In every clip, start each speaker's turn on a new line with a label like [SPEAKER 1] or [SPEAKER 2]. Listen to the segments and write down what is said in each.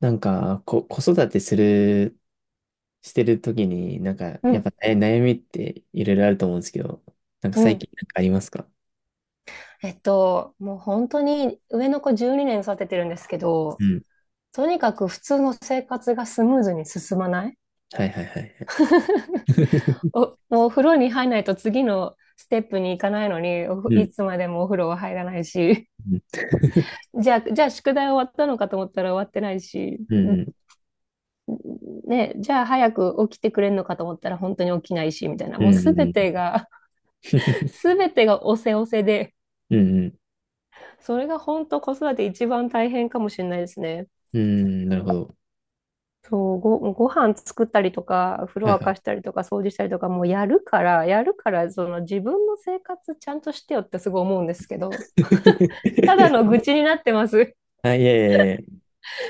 [SPEAKER 1] なんか、子育てする、してるときに、なんか、
[SPEAKER 2] う
[SPEAKER 1] やっぱ、
[SPEAKER 2] ん、
[SPEAKER 1] 悩みっていろいろあると思うんですけど、なんか
[SPEAKER 2] う
[SPEAKER 1] 最
[SPEAKER 2] ん。
[SPEAKER 1] 近なんかありますか？
[SPEAKER 2] もう本当に上の子12年育ててるんですけど、
[SPEAKER 1] うん。
[SPEAKER 2] とにかく普通の生活がスムーズに進まない。
[SPEAKER 1] はいはいはいはい。
[SPEAKER 2] お、もうお風呂に入らないと次のステップに行かないのに、
[SPEAKER 1] う
[SPEAKER 2] い
[SPEAKER 1] ん。
[SPEAKER 2] つまでもお風呂は入らないし、
[SPEAKER 1] うん。
[SPEAKER 2] じゃあ、宿題終わったのかと思ったら終わってないし、
[SPEAKER 1] うん。
[SPEAKER 2] ね、じゃあ早く起きてくれるのかと思ったら本当に起きないし、みたいな、
[SPEAKER 1] う
[SPEAKER 2] もう
[SPEAKER 1] ん。
[SPEAKER 2] すべ
[SPEAKER 1] うん。
[SPEAKER 2] てが、すべてがおせおせで、
[SPEAKER 1] うん。
[SPEAKER 2] それが本当子育て一番大変かもしれないですね。
[SPEAKER 1] うん、なるほど。
[SPEAKER 2] そう、飯作ったりとか、風呂
[SPEAKER 1] はい
[SPEAKER 2] 沸
[SPEAKER 1] は
[SPEAKER 2] か
[SPEAKER 1] い。
[SPEAKER 2] したりとか、掃除したりとか、もうやるから、その自分の生活ちゃんとしてよってすごい思うんですけど、ただの 愚痴になってます。
[SPEAKER 1] あ、いやいやいや。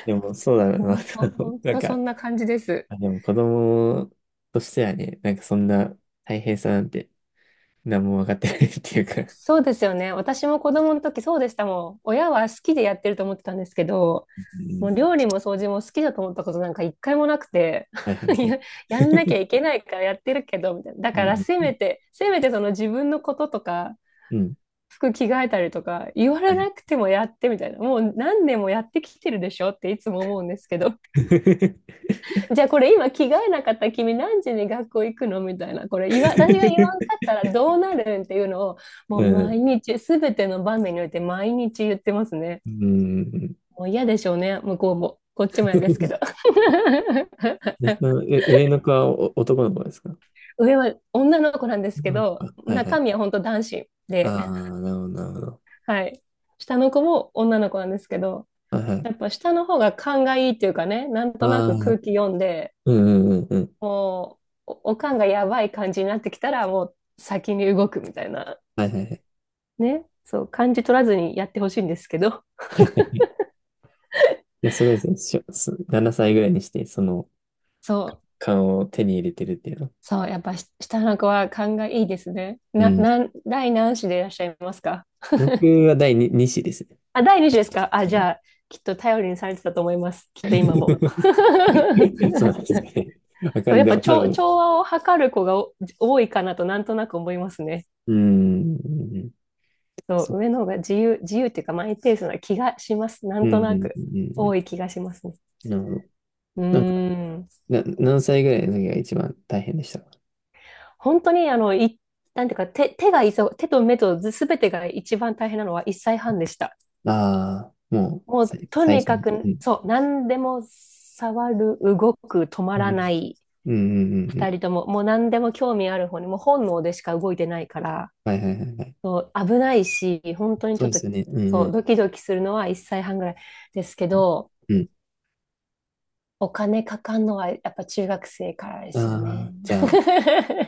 [SPEAKER 1] でも、そうだな。
[SPEAKER 2] 本当、本
[SPEAKER 1] なん
[SPEAKER 2] 当そん
[SPEAKER 1] か、
[SPEAKER 2] な感じです。
[SPEAKER 1] あ、でも子供としてはね、なんかそんな大変さなんて、何も分かってないっていうか。
[SPEAKER 2] そうですよね。私も子供の時そうでしたもん。親は好きでやってると思ってたんですけど、
[SPEAKER 1] う
[SPEAKER 2] も
[SPEAKER 1] ん。
[SPEAKER 2] う料理も掃除も好きだと思ったことなんか一回もなくて、
[SPEAKER 1] はいは いはい。
[SPEAKER 2] ややんなきゃいけないからやってるけど、みたいな。だ
[SPEAKER 1] う
[SPEAKER 2] から
[SPEAKER 1] ん。
[SPEAKER 2] せ
[SPEAKER 1] うん。
[SPEAKER 2] めて、せめてその自分のこととか、
[SPEAKER 1] うん。
[SPEAKER 2] 服着替えたりとか言われなくてもやって、みたいな、もう何年もやってきてるでしょっていつも思うんですけど、 じゃあこれ今着替えなかった君何時に学校行くの、みたいな、これ私が言わんかったらどうなるんっていうのを、
[SPEAKER 1] う
[SPEAKER 2] もう毎
[SPEAKER 1] ん
[SPEAKER 2] 日全ての場面において毎日言ってますね。
[SPEAKER 1] うん。
[SPEAKER 2] もう嫌でしょうね、向こうもこっちも嫌ですけど。
[SPEAKER 1] ね、上の子は男の子ですか？
[SPEAKER 2] 上は女の子なんですけ
[SPEAKER 1] 女の子
[SPEAKER 2] ど、
[SPEAKER 1] か。はいは
[SPEAKER 2] 中
[SPEAKER 1] い。
[SPEAKER 2] 身は本当男子で。
[SPEAKER 1] ああ、なるほど、なるほど。
[SPEAKER 2] はい。下の子も女の子なんですけど、
[SPEAKER 1] はいはい。
[SPEAKER 2] やっぱ下の方が勘がいいっていうかね、なん
[SPEAKER 1] あ
[SPEAKER 2] とな
[SPEAKER 1] あ、
[SPEAKER 2] く空気読んで、
[SPEAKER 1] うんうんうんうん。
[SPEAKER 2] もう、お勘がやばい感じになってきたら、もう先に動くみたいな。
[SPEAKER 1] はいはいはい。
[SPEAKER 2] ね。そう、感じ取らずにやってほしいんですけど。
[SPEAKER 1] いや、すごいですね。しょそ7歳ぐらいにして、その
[SPEAKER 2] そう、
[SPEAKER 1] 勘を手に入れてるっていうの。
[SPEAKER 2] そう、やっぱし下の子は勘がいいですね。
[SPEAKER 1] う
[SPEAKER 2] な、
[SPEAKER 1] ん。
[SPEAKER 2] なん、第何子でいらっしゃいますか？
[SPEAKER 1] 僕 は第2、二子ですね。
[SPEAKER 2] あ、第二子ですか、あ、
[SPEAKER 1] う
[SPEAKER 2] じ
[SPEAKER 1] ん。
[SPEAKER 2] ゃあ、きっと頼りにされてたと思います。きっと今も。
[SPEAKER 1] そうなんで すかね。わか
[SPEAKER 2] そう、
[SPEAKER 1] ん
[SPEAKER 2] やっ
[SPEAKER 1] ない。で
[SPEAKER 2] ぱ
[SPEAKER 1] も多
[SPEAKER 2] 調、
[SPEAKER 1] 分、
[SPEAKER 2] 調和を図る子が多いかなとなんとなく思いますね。
[SPEAKER 1] うん、うんうん、
[SPEAKER 2] そ
[SPEAKER 1] そ
[SPEAKER 2] う、上の方が自由、っていうかマイペースな気がします。な
[SPEAKER 1] う
[SPEAKER 2] んと
[SPEAKER 1] ん、う
[SPEAKER 2] な
[SPEAKER 1] ん、
[SPEAKER 2] く。
[SPEAKER 1] うん、う
[SPEAKER 2] 多い気がしますね。
[SPEAKER 1] ん。なるほど。
[SPEAKER 2] うーん。
[SPEAKER 1] 何歳ぐらいの時が一番大変でしたか？
[SPEAKER 2] 本当に、なんていうか、手、手がいそう、手と目とすべてが一番大変なのは1歳半でした。
[SPEAKER 1] ああー、もう、
[SPEAKER 2] もう、と
[SPEAKER 1] 最
[SPEAKER 2] に
[SPEAKER 1] 初
[SPEAKER 2] か
[SPEAKER 1] に。う
[SPEAKER 2] く、
[SPEAKER 1] ん。
[SPEAKER 2] そう、何でも触る、動く、止ま
[SPEAKER 1] う
[SPEAKER 2] ら
[SPEAKER 1] ん。
[SPEAKER 2] ない、
[SPEAKER 1] うんうんうんう
[SPEAKER 2] 二
[SPEAKER 1] ん。
[SPEAKER 2] 人とも、もう何でも興味ある方に、もう本能でしか動いてないから、
[SPEAKER 1] はいはいはいはい。
[SPEAKER 2] そう、危ないし、本当に
[SPEAKER 1] そ
[SPEAKER 2] ちょ
[SPEAKER 1] う
[SPEAKER 2] っ
[SPEAKER 1] で
[SPEAKER 2] と、
[SPEAKER 1] すよね。うんう
[SPEAKER 2] そう、
[SPEAKER 1] ん
[SPEAKER 2] ドキドキするのは1歳半ぐらいですけど、
[SPEAKER 1] うん。
[SPEAKER 2] お金かかんのはやっぱ中学生からで
[SPEAKER 1] あ
[SPEAKER 2] すよ
[SPEAKER 1] あ、
[SPEAKER 2] ね。
[SPEAKER 1] じゃあ、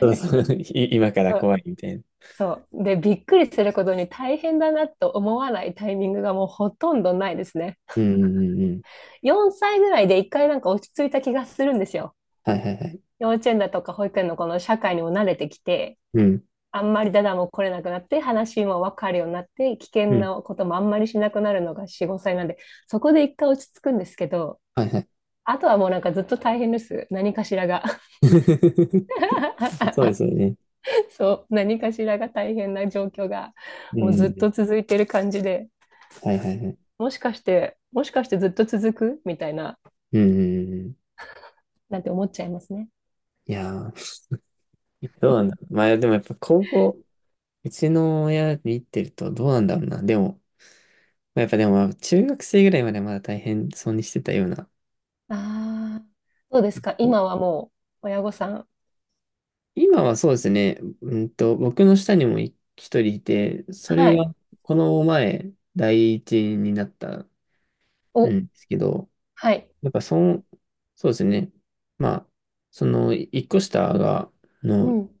[SPEAKER 1] そろそろ。 今か ら
[SPEAKER 2] そう
[SPEAKER 1] 怖いみたいな。
[SPEAKER 2] そう。で、びっくりすることに大変だなと思わないタイミングがもうほとんどないですね。
[SPEAKER 1] うんうんうんうん。
[SPEAKER 2] 4歳ぐらいで一回なんか落ち着いた気がするんですよ。
[SPEAKER 1] はいはいはい。
[SPEAKER 2] 幼稚園だとか保育園のこの社会にも慣れてきて、
[SPEAKER 1] うん。
[SPEAKER 2] あんまりダダも来れなくなって、話もわかるようになって、危
[SPEAKER 1] う
[SPEAKER 2] 険
[SPEAKER 1] ん。
[SPEAKER 2] なこともあんまりしなくなるのが4、5歳なんで、そこで一回落ち着くんですけど、
[SPEAKER 1] はいはい。
[SPEAKER 2] あとはもうなんかずっと大変です。何かしらが。
[SPEAKER 1] そうですよ ね。
[SPEAKER 2] そう、何かしらが大変な状況が
[SPEAKER 1] う
[SPEAKER 2] もうずっ
[SPEAKER 1] ん。
[SPEAKER 2] と続いてる感じで、
[SPEAKER 1] はいはいはい。
[SPEAKER 2] もしかして、ずっと続くみたいな、
[SPEAKER 1] うんうんうんうん。
[SPEAKER 2] なんて思っちゃいますね。
[SPEAKER 1] いやー、どうなんだろう。まあでもやっぱ高校、うちの親見てるとどうなんだろうな。でも、まあやっぱでも、中学生ぐらいまではまだ大変そうにしてたような。
[SPEAKER 2] ああ、どうですか今はもう親御さん。
[SPEAKER 1] 今はそうですね、僕の下にも一人いて、そ
[SPEAKER 2] は
[SPEAKER 1] れ
[SPEAKER 2] い。
[SPEAKER 1] がこの前、第一になったん
[SPEAKER 2] お、
[SPEAKER 1] ですけど、
[SPEAKER 2] はい。
[SPEAKER 1] やっぱその、そうですね、まあ、その一個下が、
[SPEAKER 2] う
[SPEAKER 1] の
[SPEAKER 2] ん、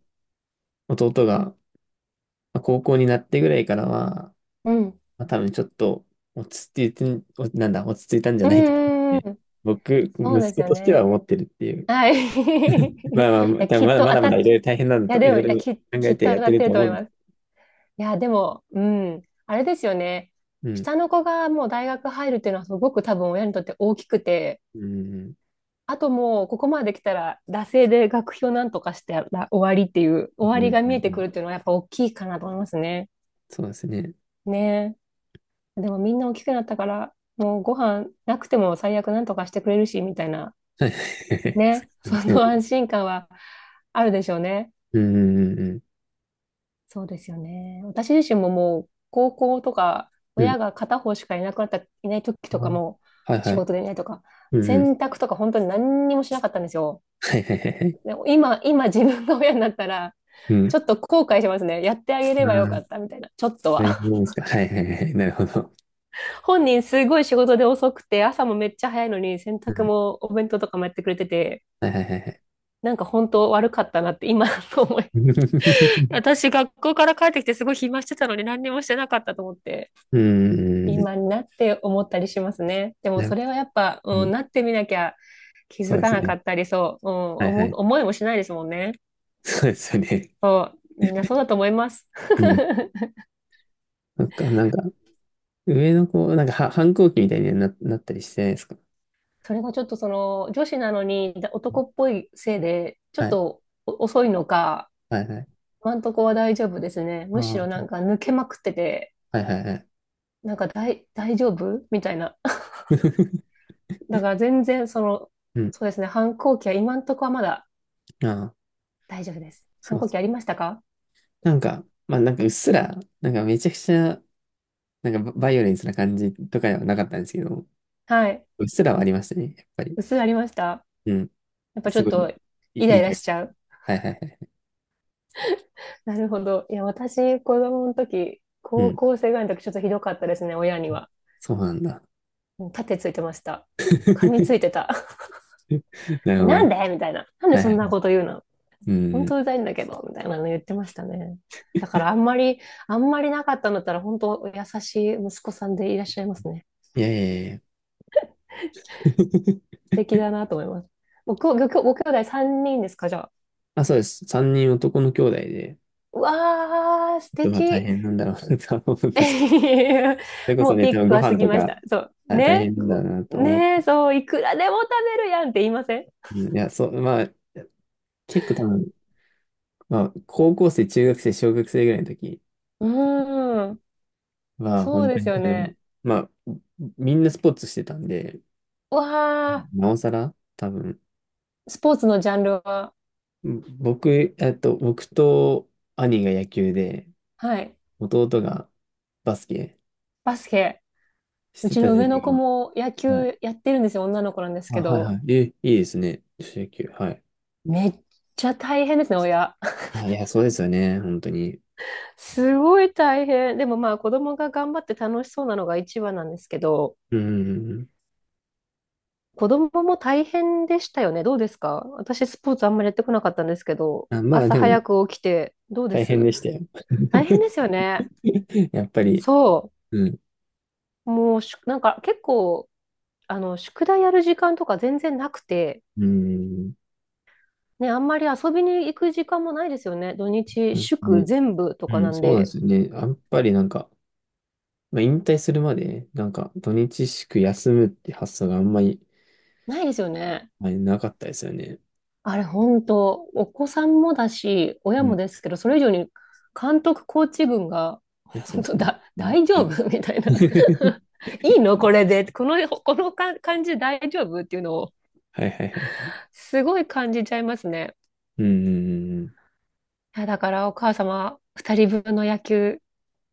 [SPEAKER 1] 弟がまあ高校になってぐらいからは、
[SPEAKER 2] うん。
[SPEAKER 1] まあ、多分ちょっと落ち着いて、おなんだ、落ち着いたんじゃ
[SPEAKER 2] う
[SPEAKER 1] ないかなっ
[SPEAKER 2] ん、う
[SPEAKER 1] て、
[SPEAKER 2] ん、
[SPEAKER 1] 僕、
[SPEAKER 2] そうで
[SPEAKER 1] 息
[SPEAKER 2] す
[SPEAKER 1] 子
[SPEAKER 2] よ
[SPEAKER 1] として
[SPEAKER 2] ね。
[SPEAKER 1] は思ってるっていう。
[SPEAKER 2] はい。い
[SPEAKER 1] まあまあ、
[SPEAKER 2] や、
[SPEAKER 1] 多分
[SPEAKER 2] き
[SPEAKER 1] ま
[SPEAKER 2] っ
[SPEAKER 1] だ
[SPEAKER 2] と
[SPEAKER 1] ま
[SPEAKER 2] 当
[SPEAKER 1] だ
[SPEAKER 2] た
[SPEAKER 1] ま
[SPEAKER 2] っ、
[SPEAKER 1] だ
[SPEAKER 2] い
[SPEAKER 1] いろいろ大変なんだ
[SPEAKER 2] や、
[SPEAKER 1] と、い
[SPEAKER 2] で
[SPEAKER 1] ろ
[SPEAKER 2] も、
[SPEAKER 1] い
[SPEAKER 2] いや、
[SPEAKER 1] ろ
[SPEAKER 2] き、
[SPEAKER 1] 考
[SPEAKER 2] き
[SPEAKER 1] え
[SPEAKER 2] っ
[SPEAKER 1] て
[SPEAKER 2] と
[SPEAKER 1] やっ
[SPEAKER 2] 当た
[SPEAKER 1] て
[SPEAKER 2] っ
[SPEAKER 1] る
[SPEAKER 2] て
[SPEAKER 1] と
[SPEAKER 2] ると
[SPEAKER 1] 思
[SPEAKER 2] 思い
[SPEAKER 1] う。
[SPEAKER 2] ます。いや、でも、うん、あれですよね。
[SPEAKER 1] うん。
[SPEAKER 2] 下の子がもう大学入るっていうのはすごく多分親にとって大きくて、
[SPEAKER 1] うん。
[SPEAKER 2] あともうここまで来たら、惰性で学費をなんとかしてら終わりっていう、終
[SPEAKER 1] う
[SPEAKER 2] わ
[SPEAKER 1] ん。う
[SPEAKER 2] り
[SPEAKER 1] ん。
[SPEAKER 2] が
[SPEAKER 1] う
[SPEAKER 2] 見えてく
[SPEAKER 1] ん、
[SPEAKER 2] るっていうのはやっぱ大きいかなと思いますね。
[SPEAKER 1] そうですね。
[SPEAKER 2] ねえ。でもみんな大きくなったから、もうご飯なくても最悪なんとかしてくれるし、みたいな。
[SPEAKER 1] はい。そ
[SPEAKER 2] ね。
[SPEAKER 1] う
[SPEAKER 2] そ
[SPEAKER 1] です
[SPEAKER 2] の
[SPEAKER 1] ね。
[SPEAKER 2] 安心感はあるでしょうね。
[SPEAKER 1] うん。うん。うん。
[SPEAKER 2] そうですよね。私自身ももう高校とか
[SPEAKER 1] うん。うん、
[SPEAKER 2] 親が片方しかいなくなった、いない時と
[SPEAKER 1] あ、
[SPEAKER 2] かも
[SPEAKER 1] はいは
[SPEAKER 2] 仕
[SPEAKER 1] い。
[SPEAKER 2] 事でいないとか、
[SPEAKER 1] うん。うん。
[SPEAKER 2] 洗濯とか本当に何にもしなかったんですよ。
[SPEAKER 1] はいはいはいはい。
[SPEAKER 2] でも今自分が親になったら、
[SPEAKER 1] う
[SPEAKER 2] ち
[SPEAKER 1] ん。
[SPEAKER 2] ょっと後悔しますね。やってあげれ
[SPEAKER 1] あ
[SPEAKER 2] ばよ
[SPEAKER 1] あ、
[SPEAKER 2] かったみたいな、ちょっと
[SPEAKER 1] そ
[SPEAKER 2] は。
[SPEAKER 1] ういうもんですか。はいはいはいはい。なるほど。
[SPEAKER 2] 本人すごい仕事で遅くて、朝もめっちゃ早いのに、洗
[SPEAKER 1] う
[SPEAKER 2] 濯
[SPEAKER 1] ん。
[SPEAKER 2] もお弁当とかもやってくれてて、
[SPEAKER 1] はいはいはいはい。
[SPEAKER 2] なんか本当悪かったなって今 思い。私学校から帰ってきてすごい暇してたのに何にもしてなかったと思って。
[SPEAKER 1] うん。うん
[SPEAKER 2] 今になって思ったりしますね。でも
[SPEAKER 1] なう
[SPEAKER 2] それはやっぱ、う
[SPEAKER 1] ん、
[SPEAKER 2] ん、なってみなきゃ気
[SPEAKER 1] そう
[SPEAKER 2] づ
[SPEAKER 1] で
[SPEAKER 2] か
[SPEAKER 1] すよ
[SPEAKER 2] なか
[SPEAKER 1] ね。
[SPEAKER 2] ったり、そう、うん、
[SPEAKER 1] はいはい。
[SPEAKER 2] 思いもしないですもんね。
[SPEAKER 1] そうですよね。
[SPEAKER 2] みんなそうだと思います。
[SPEAKER 1] うん。なんか、なんか、上の子、なんかは、反抗期みたいになったりしてないですか？
[SPEAKER 2] それがちょっとその女子なのに男っぽいせいで、ちょっ
[SPEAKER 1] はい
[SPEAKER 2] と遅いのか、
[SPEAKER 1] はいはい。
[SPEAKER 2] 今んとこは大丈夫ですね。
[SPEAKER 1] あ
[SPEAKER 2] む
[SPEAKER 1] あ、
[SPEAKER 2] しろなん
[SPEAKER 1] は
[SPEAKER 2] か抜けまくってて、
[SPEAKER 1] いはいはい。
[SPEAKER 2] なんか大丈夫みたいな。だから全然その、
[SPEAKER 1] うん。
[SPEAKER 2] そうですね、反抗期は今んとこはまだ
[SPEAKER 1] ああ、
[SPEAKER 2] 大丈夫です。
[SPEAKER 1] そ
[SPEAKER 2] 反
[SPEAKER 1] う
[SPEAKER 2] 抗
[SPEAKER 1] そ
[SPEAKER 2] 期あ
[SPEAKER 1] う。
[SPEAKER 2] りましたか？
[SPEAKER 1] なんか、まあなんかうっすら、なんかめちゃくちゃ、なんかババイオレンスな感じとかではなかったんですけど、
[SPEAKER 2] はい。
[SPEAKER 1] うっすらはありましたね、やっぱり。
[SPEAKER 2] 薄いありました。
[SPEAKER 1] うん。
[SPEAKER 2] やっぱち
[SPEAKER 1] す
[SPEAKER 2] ょっ
[SPEAKER 1] ご
[SPEAKER 2] と
[SPEAKER 1] い、
[SPEAKER 2] イラ
[SPEAKER 1] い
[SPEAKER 2] イ
[SPEAKER 1] い
[SPEAKER 2] ラ
[SPEAKER 1] 感
[SPEAKER 2] し
[SPEAKER 1] じ。
[SPEAKER 2] ちゃう。
[SPEAKER 1] はいはいはい。
[SPEAKER 2] なるほど。いや、私、子供の時、
[SPEAKER 1] う
[SPEAKER 2] 高
[SPEAKER 1] ん。
[SPEAKER 2] 校生ぐらいの時、ちょっとひどかったですね、親には。
[SPEAKER 1] そうなんだ。
[SPEAKER 2] もう盾ついてました。噛みついて た。
[SPEAKER 1] な る
[SPEAKER 2] え、
[SPEAKER 1] ほ
[SPEAKER 2] なん
[SPEAKER 1] ど。
[SPEAKER 2] でみたいな。なんで
[SPEAKER 1] はい
[SPEAKER 2] そ
[SPEAKER 1] は
[SPEAKER 2] ん
[SPEAKER 1] い。
[SPEAKER 2] なこと言うの。
[SPEAKER 1] う
[SPEAKER 2] 本
[SPEAKER 1] ん。
[SPEAKER 2] 当うざいんだけど、みたいなの言ってましたね。だからあんまりなかったんだったら、本当優しい息子さんでいらっしゃいますね。
[SPEAKER 1] いやいやいやいや。
[SPEAKER 2] 素敵だなと思います。ご兄弟3人ですか、じゃあ。
[SPEAKER 1] あ、そうです。三人男の兄弟で、ち
[SPEAKER 2] うわー、素
[SPEAKER 1] ょっとまあ大
[SPEAKER 2] 敵。
[SPEAKER 1] 変なんだろうなとは思うんですけど。それこ
[SPEAKER 2] も
[SPEAKER 1] そ
[SPEAKER 2] う
[SPEAKER 1] ね、
[SPEAKER 2] ピ
[SPEAKER 1] 多
[SPEAKER 2] ー
[SPEAKER 1] 分
[SPEAKER 2] ク
[SPEAKER 1] ご
[SPEAKER 2] は過
[SPEAKER 1] 飯
[SPEAKER 2] ぎ
[SPEAKER 1] と
[SPEAKER 2] まし
[SPEAKER 1] か、
[SPEAKER 2] た。そう。
[SPEAKER 1] あ、大
[SPEAKER 2] ね。
[SPEAKER 1] 変なんだろうなと思
[SPEAKER 2] ねえ、
[SPEAKER 1] っ
[SPEAKER 2] そう、いくらでも食べるやんって言いません？
[SPEAKER 1] うん、いや、そう、まあ、結構多分、まあ、高校生、中学生、小学生ぐらいの時
[SPEAKER 2] うーん。
[SPEAKER 1] は、
[SPEAKER 2] そう
[SPEAKER 1] 本当
[SPEAKER 2] です
[SPEAKER 1] に多
[SPEAKER 2] よ
[SPEAKER 1] 分、
[SPEAKER 2] ね。
[SPEAKER 1] まあ、みんなスポーツしてたんで、
[SPEAKER 2] うわあ、
[SPEAKER 1] なおさら、多分、
[SPEAKER 2] スポーツのジャンルは？
[SPEAKER 1] 僕、僕と兄が野球で、
[SPEAKER 2] はい。
[SPEAKER 1] 弟がバスケ
[SPEAKER 2] バスケ。
[SPEAKER 1] し
[SPEAKER 2] う
[SPEAKER 1] て
[SPEAKER 2] ち
[SPEAKER 1] た
[SPEAKER 2] の
[SPEAKER 1] 時
[SPEAKER 2] 上
[SPEAKER 1] 期
[SPEAKER 2] の子
[SPEAKER 1] が、
[SPEAKER 2] も野
[SPEAKER 1] はい。
[SPEAKER 2] 球やってるんですよ。女の子なんです
[SPEAKER 1] あ、
[SPEAKER 2] け
[SPEAKER 1] はいは
[SPEAKER 2] ど。
[SPEAKER 1] い。え、いいですね。女子野球。はい。
[SPEAKER 2] めっちゃ大変ですね、親。
[SPEAKER 1] あ、いや、そうですよね。本当に。
[SPEAKER 2] すごい大変。でもまあ子供が頑張って楽しそうなのが一番なんですけど。
[SPEAKER 1] うん。
[SPEAKER 2] 子供も大変でしたよね。どうですか、私、スポーツあんまりやってこなかったんですけど、
[SPEAKER 1] あ、まあ、
[SPEAKER 2] 朝
[SPEAKER 1] でも、
[SPEAKER 2] 早く起きて、どうで
[SPEAKER 1] 大変
[SPEAKER 2] す？
[SPEAKER 1] でしたよ。
[SPEAKER 2] 大変ですよね。
[SPEAKER 1] やっぱり、
[SPEAKER 2] そ
[SPEAKER 1] うん。
[SPEAKER 2] う。もうし、なんか結構、宿題やる時間とか全然なくて、
[SPEAKER 1] うん。
[SPEAKER 2] ね、あんまり遊びに行く時間もないですよね。土
[SPEAKER 1] そうで
[SPEAKER 2] 日、
[SPEAKER 1] す
[SPEAKER 2] 祝
[SPEAKER 1] ね。
[SPEAKER 2] 全部とか
[SPEAKER 1] う
[SPEAKER 2] な
[SPEAKER 1] ん、
[SPEAKER 2] ん
[SPEAKER 1] そうなんで
[SPEAKER 2] で、
[SPEAKER 1] すよね。やっぱりなんか、まあ、引退するまで、なんか、土日祝休むって発想があんまり、
[SPEAKER 2] ないですよね。
[SPEAKER 1] まあなかったですよね。
[SPEAKER 2] あれ、本当、お子さんもだし、親
[SPEAKER 1] うん。い
[SPEAKER 2] もですけど、それ以上に監督、コーチ軍が、
[SPEAKER 1] や、そう
[SPEAKER 2] 本
[SPEAKER 1] です
[SPEAKER 2] 当
[SPEAKER 1] よね。
[SPEAKER 2] だ、
[SPEAKER 1] うん。
[SPEAKER 2] 大丈夫 みたいな。いいのこれで。この感じ大丈夫っていうのを、
[SPEAKER 1] はいはいはい。
[SPEAKER 2] すごい感じちゃいますね。
[SPEAKER 1] うんうんうんうん。
[SPEAKER 2] いや、だからお母様、二人分の野球、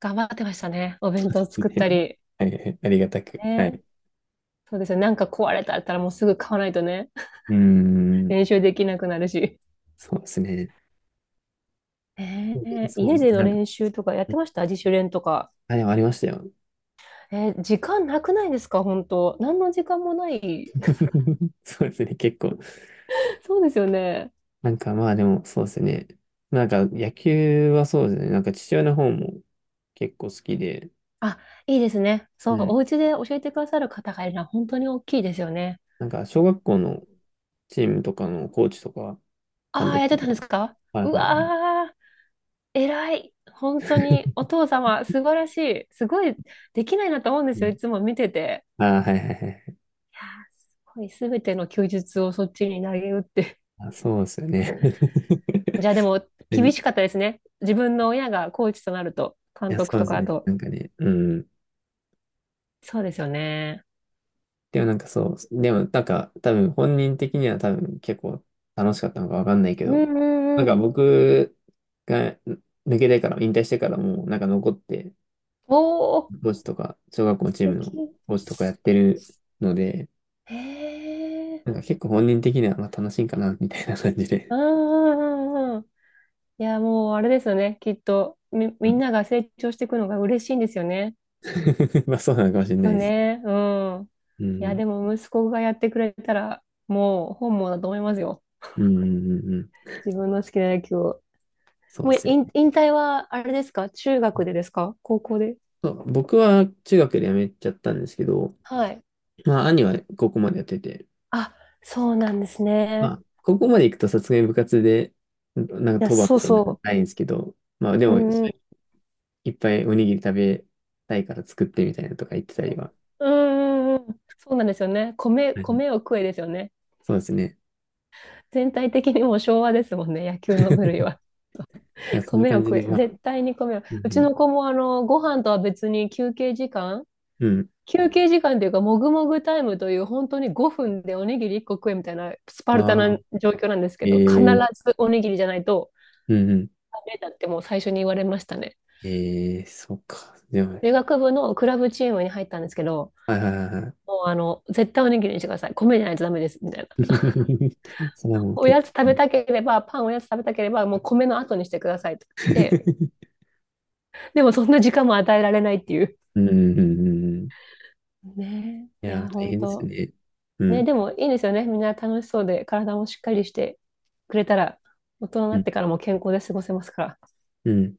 [SPEAKER 2] 頑張ってましたね。お弁当作った り。
[SPEAKER 1] はいはいはい。ありがたく。は
[SPEAKER 2] ね。
[SPEAKER 1] い。
[SPEAKER 2] そうですよね。なんか壊れたったらもうすぐ買わないとね、
[SPEAKER 1] うん。
[SPEAKER 2] 練習できなくなるし。
[SPEAKER 1] そうですね。
[SPEAKER 2] ねえー
[SPEAKER 1] そう
[SPEAKER 2] 家
[SPEAKER 1] です
[SPEAKER 2] で
[SPEAKER 1] ね。
[SPEAKER 2] の
[SPEAKER 1] なんか、
[SPEAKER 2] 練習とかやってました？自主練とか。
[SPEAKER 1] あ、でもありましたよ。
[SPEAKER 2] えー、時間なくないですか、本当？何の時間もない。
[SPEAKER 1] そうですね。結構。
[SPEAKER 2] そうですよね。
[SPEAKER 1] なんかまあでも、そうですね。なんか野球はそうですね。なんか父親の方も結構好きで、
[SPEAKER 2] あ、いいですね。そ
[SPEAKER 1] う
[SPEAKER 2] う、
[SPEAKER 1] ん。
[SPEAKER 2] お家で教えてくださる方がいるのは本当に大きいですよね。
[SPEAKER 1] なんか、小学校のチームとかのコーチとか、監
[SPEAKER 2] ああ、
[SPEAKER 1] 督
[SPEAKER 2] やってた
[SPEAKER 1] と
[SPEAKER 2] んです
[SPEAKER 1] か。
[SPEAKER 2] か？
[SPEAKER 1] はい
[SPEAKER 2] う
[SPEAKER 1] はいはい。
[SPEAKER 2] わー、偉い。本当にお父様、素晴らしい。すごいできないなと思うんで
[SPEAKER 1] う
[SPEAKER 2] すよ。
[SPEAKER 1] ん、
[SPEAKER 2] いつも見てて。
[SPEAKER 1] あー、はいはいはい。
[SPEAKER 2] いやー、すごい、すべての休日をそっちに投げ打って。
[SPEAKER 1] あ、そうですよね。
[SPEAKER 2] じゃあでも、厳
[SPEAKER 1] い
[SPEAKER 2] しかったですね。自分の親がコーチとなると、監
[SPEAKER 1] や、そ
[SPEAKER 2] 督
[SPEAKER 1] うで
[SPEAKER 2] と
[SPEAKER 1] す
[SPEAKER 2] かあ
[SPEAKER 1] ね。
[SPEAKER 2] と。
[SPEAKER 1] なんかね、うん。
[SPEAKER 2] そうですよね。
[SPEAKER 1] でもなんかそう、でもなんか多分本人的には多分結構楽しかったのかわかんないけ
[SPEAKER 2] う
[SPEAKER 1] ど、
[SPEAKER 2] んうん
[SPEAKER 1] なん
[SPEAKER 2] う
[SPEAKER 1] か
[SPEAKER 2] ん。
[SPEAKER 1] 僕が抜けてから、引退してからもなんか残って、
[SPEAKER 2] おー、
[SPEAKER 1] コーチとか、小学校の
[SPEAKER 2] 素
[SPEAKER 1] チームの
[SPEAKER 2] 敵。
[SPEAKER 1] コーチとかやってるので、
[SPEAKER 2] へえ。
[SPEAKER 1] なんか結構本人的にはまあ楽しいんかな、みたいな感じ
[SPEAKER 2] う
[SPEAKER 1] で。
[SPEAKER 2] んうんうんうん。いや、もうあれですよね。きっと、み、
[SPEAKER 1] う
[SPEAKER 2] みん
[SPEAKER 1] ん。
[SPEAKER 2] なが成長していくのが嬉しいんですよね。
[SPEAKER 1] まあそうなのかも
[SPEAKER 2] きっ
[SPEAKER 1] しれない
[SPEAKER 2] と
[SPEAKER 1] です。
[SPEAKER 2] ね。うん。
[SPEAKER 1] う
[SPEAKER 2] いや、
[SPEAKER 1] ん。
[SPEAKER 2] でも息子がやってくれたら、もう本望だと思いますよ。
[SPEAKER 1] うんうんうんうん、
[SPEAKER 2] 自分の好きな野球を。
[SPEAKER 1] そう
[SPEAKER 2] も
[SPEAKER 1] で
[SPEAKER 2] う
[SPEAKER 1] すよ。
[SPEAKER 2] 引退は、あれですか、中学でですか、高校で？
[SPEAKER 1] そう、僕は中学で辞めちゃったんですけど、
[SPEAKER 2] はい。
[SPEAKER 1] まあ兄は高校までやってて、
[SPEAKER 2] あ、そうなんです
[SPEAKER 1] ま
[SPEAKER 2] ね。
[SPEAKER 1] あ高校まで行くとさすがに部活で、なんか
[SPEAKER 2] いや、
[SPEAKER 1] 当番
[SPEAKER 2] そ
[SPEAKER 1] み
[SPEAKER 2] う
[SPEAKER 1] たいなの
[SPEAKER 2] そ
[SPEAKER 1] ないんですけど、まあで
[SPEAKER 2] う。う
[SPEAKER 1] も
[SPEAKER 2] んうん。
[SPEAKER 1] いっぱいおにぎり食べたいから作ってみたいなのとか言ってたりは、
[SPEAKER 2] うんうんうん。そうなんですよね。米、
[SPEAKER 1] はい、
[SPEAKER 2] 米を食えですよね。
[SPEAKER 1] そうですね。
[SPEAKER 2] 全体的にもう昭和ですもんね、野球の部類は。
[SPEAKER 1] だか らそんな
[SPEAKER 2] 米を
[SPEAKER 1] 感じ
[SPEAKER 2] 食
[SPEAKER 1] で、
[SPEAKER 2] え、
[SPEAKER 1] まあ、
[SPEAKER 2] 絶対に米を。
[SPEAKER 1] う
[SPEAKER 2] うち
[SPEAKER 1] ん
[SPEAKER 2] の子もあの、ご飯とは別に
[SPEAKER 1] うん。うん。
[SPEAKER 2] 休憩時間というか、もぐもぐタイムという、本当に5分でおにぎり1個食えみたいなスパルタ
[SPEAKER 1] あ
[SPEAKER 2] な状況なんですけ
[SPEAKER 1] あ、
[SPEAKER 2] ど、必
[SPEAKER 1] ええ、
[SPEAKER 2] ずおにぎりじゃないと
[SPEAKER 1] うんうん、
[SPEAKER 2] ダメだってもう最初に言われましたね。
[SPEAKER 1] ええ、そっか。でも、
[SPEAKER 2] 理学部のクラブチームに入ったんですけど、
[SPEAKER 1] はいはいはいはい。
[SPEAKER 2] もう絶対おにぎりにしてください。米じゃないとダメです。みたいな。
[SPEAKER 1] それはもう徹底。
[SPEAKER 2] おやつ食べたければ、もう米の後にしてくださいと。で、でもそんな時間も与えられないっていう。
[SPEAKER 1] うん、うん、うん。うん、
[SPEAKER 2] ね
[SPEAKER 1] い
[SPEAKER 2] え、い
[SPEAKER 1] や、
[SPEAKER 2] や、
[SPEAKER 1] 大
[SPEAKER 2] 本
[SPEAKER 1] 変です
[SPEAKER 2] 当。
[SPEAKER 1] ね。う
[SPEAKER 2] ね、
[SPEAKER 1] ん、
[SPEAKER 2] でもいいですよね。みんな楽しそうで、体もしっかりしてくれたら、大人に
[SPEAKER 1] う
[SPEAKER 2] なっ
[SPEAKER 1] ん、
[SPEAKER 2] てからも健康で過ごせますから。
[SPEAKER 1] うん。